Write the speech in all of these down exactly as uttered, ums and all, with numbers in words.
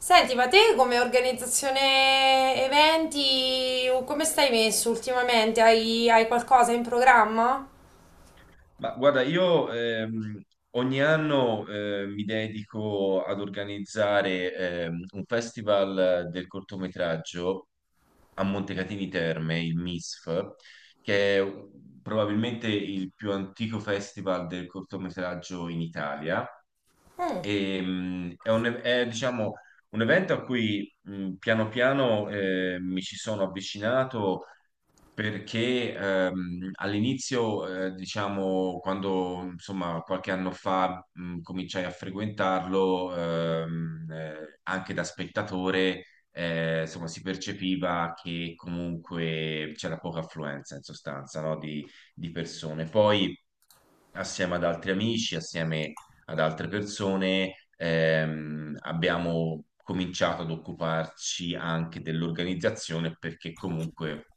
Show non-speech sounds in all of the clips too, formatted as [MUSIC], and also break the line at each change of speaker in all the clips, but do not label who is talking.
Senti, ma te come organizzazione eventi, come stai messo ultimamente? Hai, hai qualcosa in programma?
Ma guarda, io ehm, ogni anno eh, mi dedico ad organizzare ehm, un festival del cortometraggio a Montecatini Terme, il M I S F, che è probabilmente il più antico festival del cortometraggio in Italia.
Mm.
E, mh, è un, è, diciamo, un evento a cui mh, piano piano eh, mi ci sono avvicinato perché ehm, all'inizio, eh, diciamo, quando insomma qualche anno fa mh, cominciai a frequentarlo, ehm, eh, anche da spettatore, eh, insomma, si percepiva che comunque c'era poca affluenza in sostanza, no, di, di persone. Poi, assieme ad altri amici, assieme ad altre persone, ehm, abbiamo cominciato ad occuparci anche dell'organizzazione perché comunque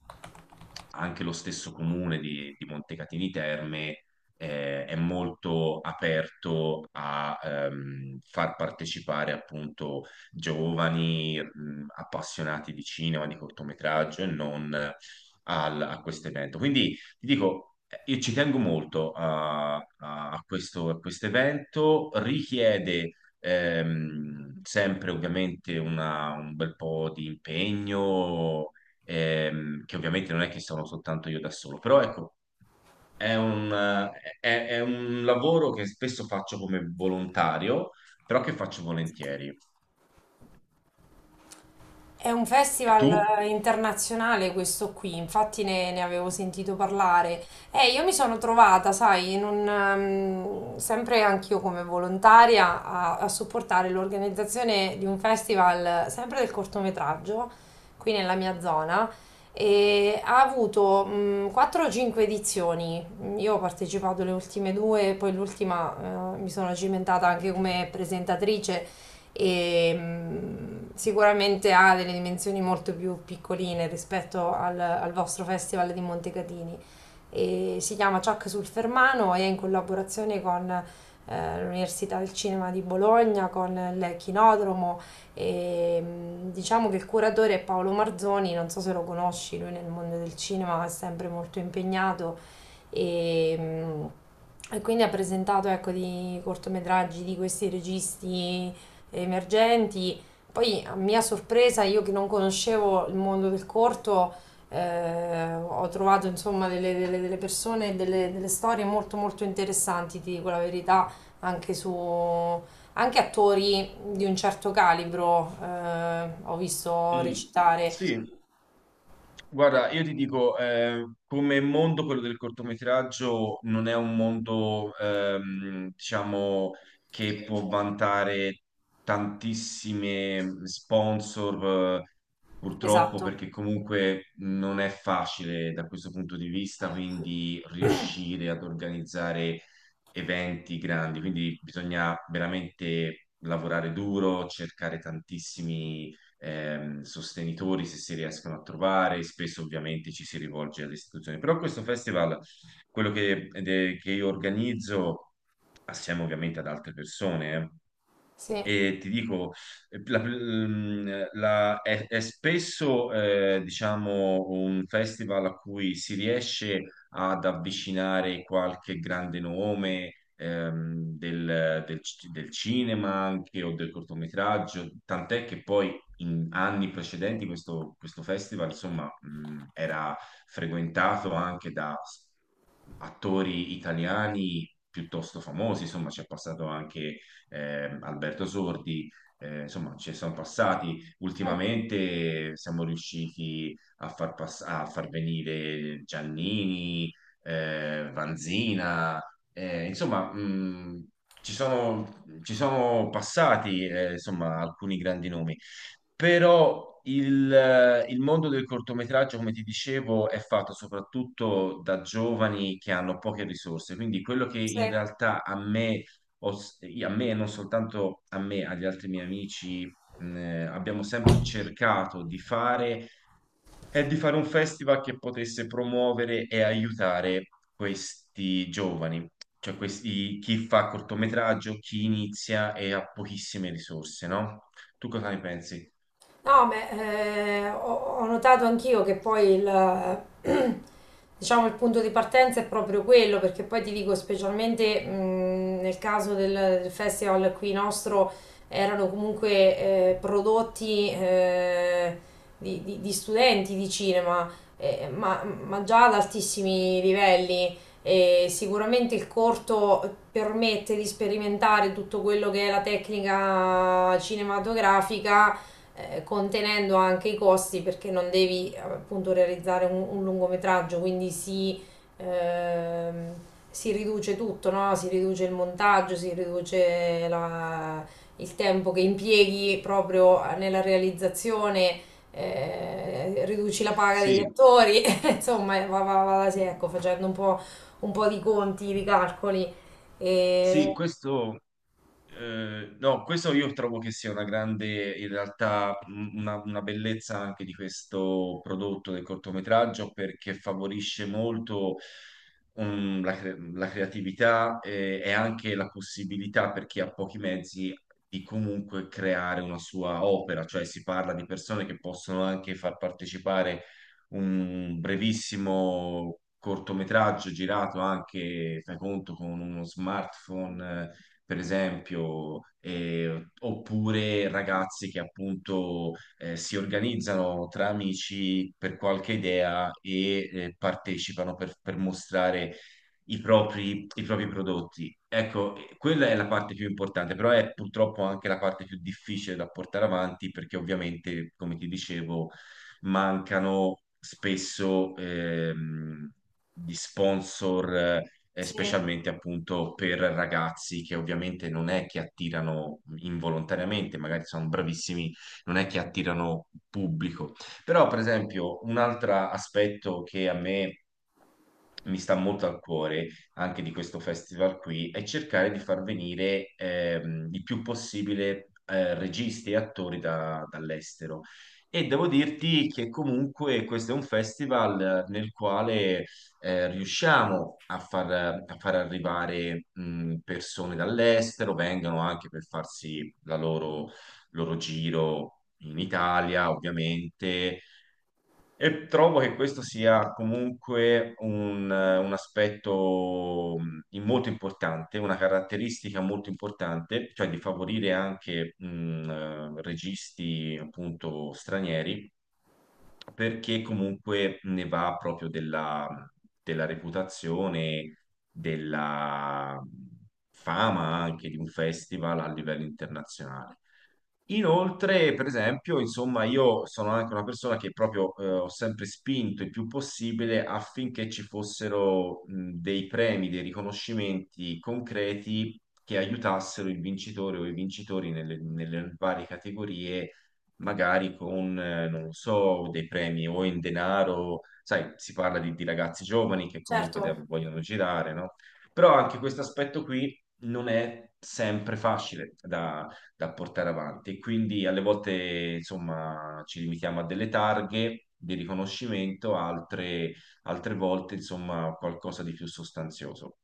anche lo stesso comune di, di Montecatini Terme eh, è molto aperto a ehm, far partecipare appunto giovani mh, appassionati di cinema, di cortometraggio e non al- a questo evento. Quindi ti dico, io ci tengo molto a, a questo, a questo evento, richiede ehm, sempre ovviamente una- un bel po' di impegno, ehm, che ovviamente non è che sono soltanto io da solo, però ecco, è un, eh, è- è un lavoro che spesso faccio come volontario, però che faccio volentieri.
È un
E tu?
festival eh, internazionale questo qui, infatti ne, ne avevo sentito parlare. E io mi sono trovata, sai, in un, ehm, sempre anch'io come volontaria a, a supportare l'organizzazione di un festival eh, sempre del cortometraggio, qui nella mia zona, e ha avuto mh, quattro o cinque edizioni. Io ho partecipato alle ultime due, poi l'ultima eh, mi sono cimentata anche come presentatrice e mh, sicuramente ha delle dimensioni molto più piccoline rispetto al, al vostro festival di Montecatini. E si chiama Ciak sul Fermano e è in collaborazione con eh, l'Università del Cinema di Bologna, con il Chinodromo e mh, diciamo che il curatore è Paolo Marzoni, non so se lo conosci, lui nel mondo del cinema è sempre molto impegnato e, mm, e quindi ha presentato ecco, di cortometraggi di questi registi emergenti. Poi, a mia sorpresa, io che non conoscevo il mondo del corto, eh, ho trovato insomma delle, delle- delle persone, delle, delle storie molto molto interessanti, ti dico la verità, anche su anche attori di un certo calibro, eh, ho visto
Mm,
recitare.
sì. Guarda, io ti dico, eh, come mondo quello del cortometraggio non è un mondo, ehm, diciamo, che può vantare tantissime sponsor, eh, purtroppo,
Esatto.
perché comunque non è facile da questo punto di vista, quindi riuscire ad organizzare eventi grandi, quindi bisogna veramente lavorare duro, cercare tantissimi ehm, sostenitori se si riescono a trovare, spesso ovviamente ci si rivolge alle istituzioni. Però questo festival, quello che, de- che io organizzo assieme ovviamente ad altre persone, eh,
Sì.
e ti dico, eh, la- mm, la- è, è spesso, eh, diciamo, un festival a cui si riesce ad avvicinare qualche grande nome, ehm, del, del c- del cinema anche o del cortometraggio, tant'è che poi in anni precedenti questo, questo festival, insomma, mm, era frequentato anche da s- attori italiani piuttosto famosi, insomma, ci è passato anche eh, Alberto Sordi, eh, insomma, ci sono passati
Mm,
ultimamente, siamo riusciti a far, pass- a far venire Giannini, eh, Vanzina, eh, insomma, mh, ci sono, ci sono passati, eh, insomma, alcuni grandi nomi, però il, il mondo del cortometraggio, come ti dicevo, è fatto soprattutto da giovani che hanno poche risorse, quindi quello che
sì.
in realtà a me ho s- a me, non soltanto a me, agli altri miei amici, mh, eh, abbiamo sempre cercato di fare, è di fare un festival che potesse promuovere e aiutare questi giovani, cioè questi, chi fa cortometraggio, chi inizia e ha pochissime risorse, no? Tu cosa ne pensi?
No, ma eh, ho, ho notato anch'io che poi il, [CLEARS THROAT] diciamo, il punto di partenza è proprio quello, perché poi ti dico, specialmente mh, nel caso del, del festival qui nostro, erano comunque eh, prodotti eh, di, di- di studenti di cinema, eh, ma, ma già ad altissimi livelli. E sicuramente il corto permette di sperimentare tutto quello che è la tecnica cinematografica eh, contenendo anche i costi perché non devi eh, appunto realizzare un, un lungometraggio, quindi si, ehm, si riduce tutto, no? Si riduce il montaggio, si riduce la- il tempo che impieghi proprio nella realizzazione, eh, riduci la paga degli
Sì,
attori, [LAUGHS] insomma va, va, va da sé, ecco, facendo un po', un po' di conti, di calcoli.
sì,
E...
questo. Eh, no, questo io trovo che sia una grande, in realtà, m- una, una bellezza anche di questo prodotto del cortometraggio perché favorisce molto um, la, cre- la creatività eh, e anche la possibilità per chi ha pochi mezzi di comunque creare una sua opera, cioè si parla di persone che possono anche far partecipare un brevissimo cortometraggio girato anche, fai conto, con uno smartphone per esempio, eh, oppure ragazzi che appunto eh, si organizzano tra amici per qualche idea e eh, partecipano per, per mostrare i propri, i propri prodotti. Ecco, eh, quella è la parte più importante, però è purtroppo anche la parte più difficile da portare avanti perché ovviamente, come ti dicevo, mancano spesso ehm, gli sponsor, eh,
Sì,
specialmente appunto per ragazzi che ovviamente non è che attirano involontariamente, magari sono bravissimi, non è che attirano pubblico. Però, per esempio, un altro aspetto che a me mi sta molto al cuore anche di questo festival qui è cercare di far venire ehm, il più possibile eh, registi e attori da- dall'estero. E devo dirti che comunque questo è un festival nel quale eh, riusciamo a far, a far arrivare mh, persone dall'estero, vengono anche per farsi la loro loro giro in Italia, ovviamente, e trovo che questo sia comunque un, un aspetto mh, molto importante, una caratteristica molto importante, cioè di favorire anche mh, eh, registi appunto stranieri, perché comunque ne va proprio della, della reputazione, della fama anche di un festival a livello internazionale. Inoltre, per esempio, insomma, io sono anche una persona che proprio eh, ho sempre spinto il più possibile affinché ci fossero mh, dei premi, dei riconoscimenti concreti che aiutassero il vincitore o i vincitori nelle, nelle varie categorie, magari con, eh, non lo so, dei premi o in denaro, sai, si parla di, di ragazzi giovani che comunque de-
certo.
vogliono girare, no? Però anche questo aspetto qui non è sempre facile da portare avanti. Quindi alle volte, insomma, ci limitiamo a delle targhe di riconoscimento, altre, altre volte, insomma, qualcosa di più sostanzioso.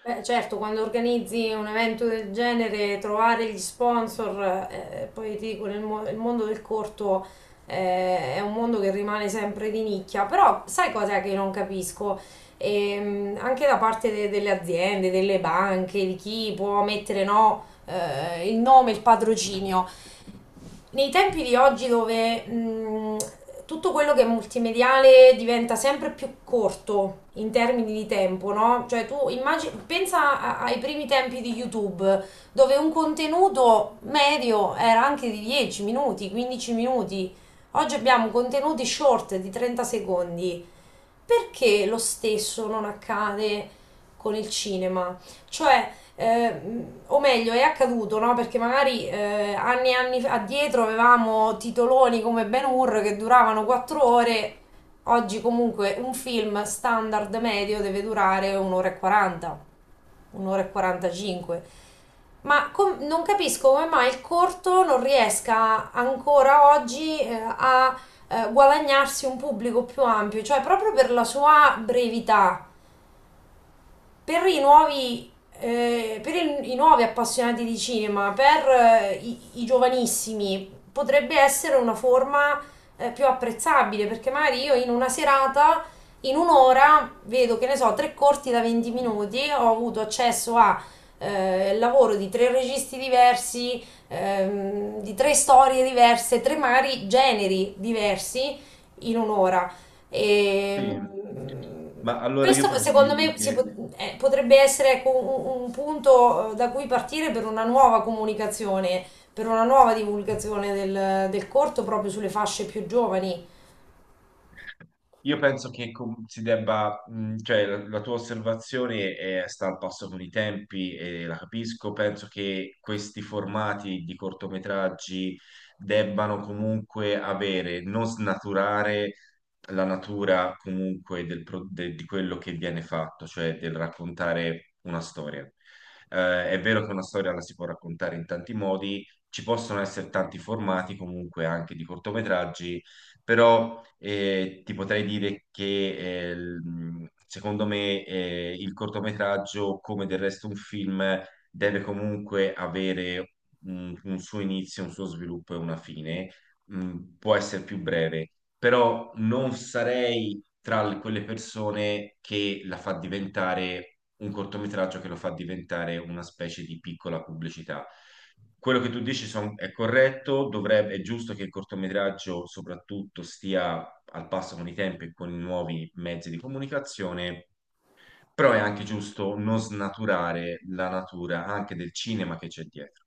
Beh, certo, quando organizzi un evento del genere, trovare gli sponsor, eh, eh, poi ti dico, nel mo- il mondo del corto eh, è un mondo che rimane sempre di nicchia, però sai cos'è che non capisco? Ehm, anche da parte de- delle aziende, delle banche, di chi può mettere no, eh, il nome, il patrocinio nei tempi di oggi dove mh, tutto quello che è multimediale diventa sempre più corto in termini di tempo, no? Cioè tu immagini, pensa a- ai primi tempi di YouTube, dove un contenuto medio era anche di dieci minuti, quindici minuti. Oggi abbiamo contenuti short di trenta secondi. Perché lo stesso non accade con il cinema? Cioè, eh, o meglio è accaduto, no? Perché magari eh, anni e anni fa- addietro avevamo titoloni come Ben Hur che duravano quattro ore, oggi comunque un film standard medio deve durare un'ora e quaranta, un'ora e quarantacinque. Ma com- non capisco come mai il corto non riesca ancora oggi eh, a eh, guadagnarsi un pubblico più ampio, cioè proprio per la sua brevità, per i nuovi, eh, per il- i nuovi appassionati di cinema, per eh, i, i giovanissimi, potrebbe essere una forma eh, più apprezzabile, perché magari io in una serata, in un'ora, vedo che ne so, tre corti da venti minuti, ho avuto accesso a eh, il lavoro di tre registi diversi, ehm, di tre storie diverse, tre magari generi diversi in un'ora.
Sì,
E,
ma allora io
questo
posso
secondo
dirti
me si
che
pot- eh, potrebbe essere ecco, un, un punto eh, da cui partire per una nuova comunicazione, per una nuova divulgazione del, del corto proprio sulle fasce più giovani,
io penso che com- si debba, mh, cioè la, la tua osservazione è, sta al passo con i tempi e la capisco, penso che questi formati di cortometraggi debbano comunque avere, non snaturare la natura comunque del pro- de- di quello che viene fatto, cioè del raccontare una storia. Eh, è vero che una storia la si può raccontare in tanti modi, ci possono essere tanti formati comunque anche di cortometraggi, però eh, ti potrei dire che eh, il- secondo me eh, il cortometraggio, come del resto un film, deve comunque avere un, un suo inizio, un suo sviluppo e una fine. Mm, può essere più breve, però non sarei tra le- quelle persone che la fa diventare un cortometraggio che lo fa diventare una specie di piccola pubblicità. Quello che tu dici son- è corretto, dovrebbe, è giusto che il cortometraggio soprattutto stia al passo con i tempi e con i nuovi mezzi di comunicazione, però è anche giusto non snaturare la natura anche del cinema che c'è dietro.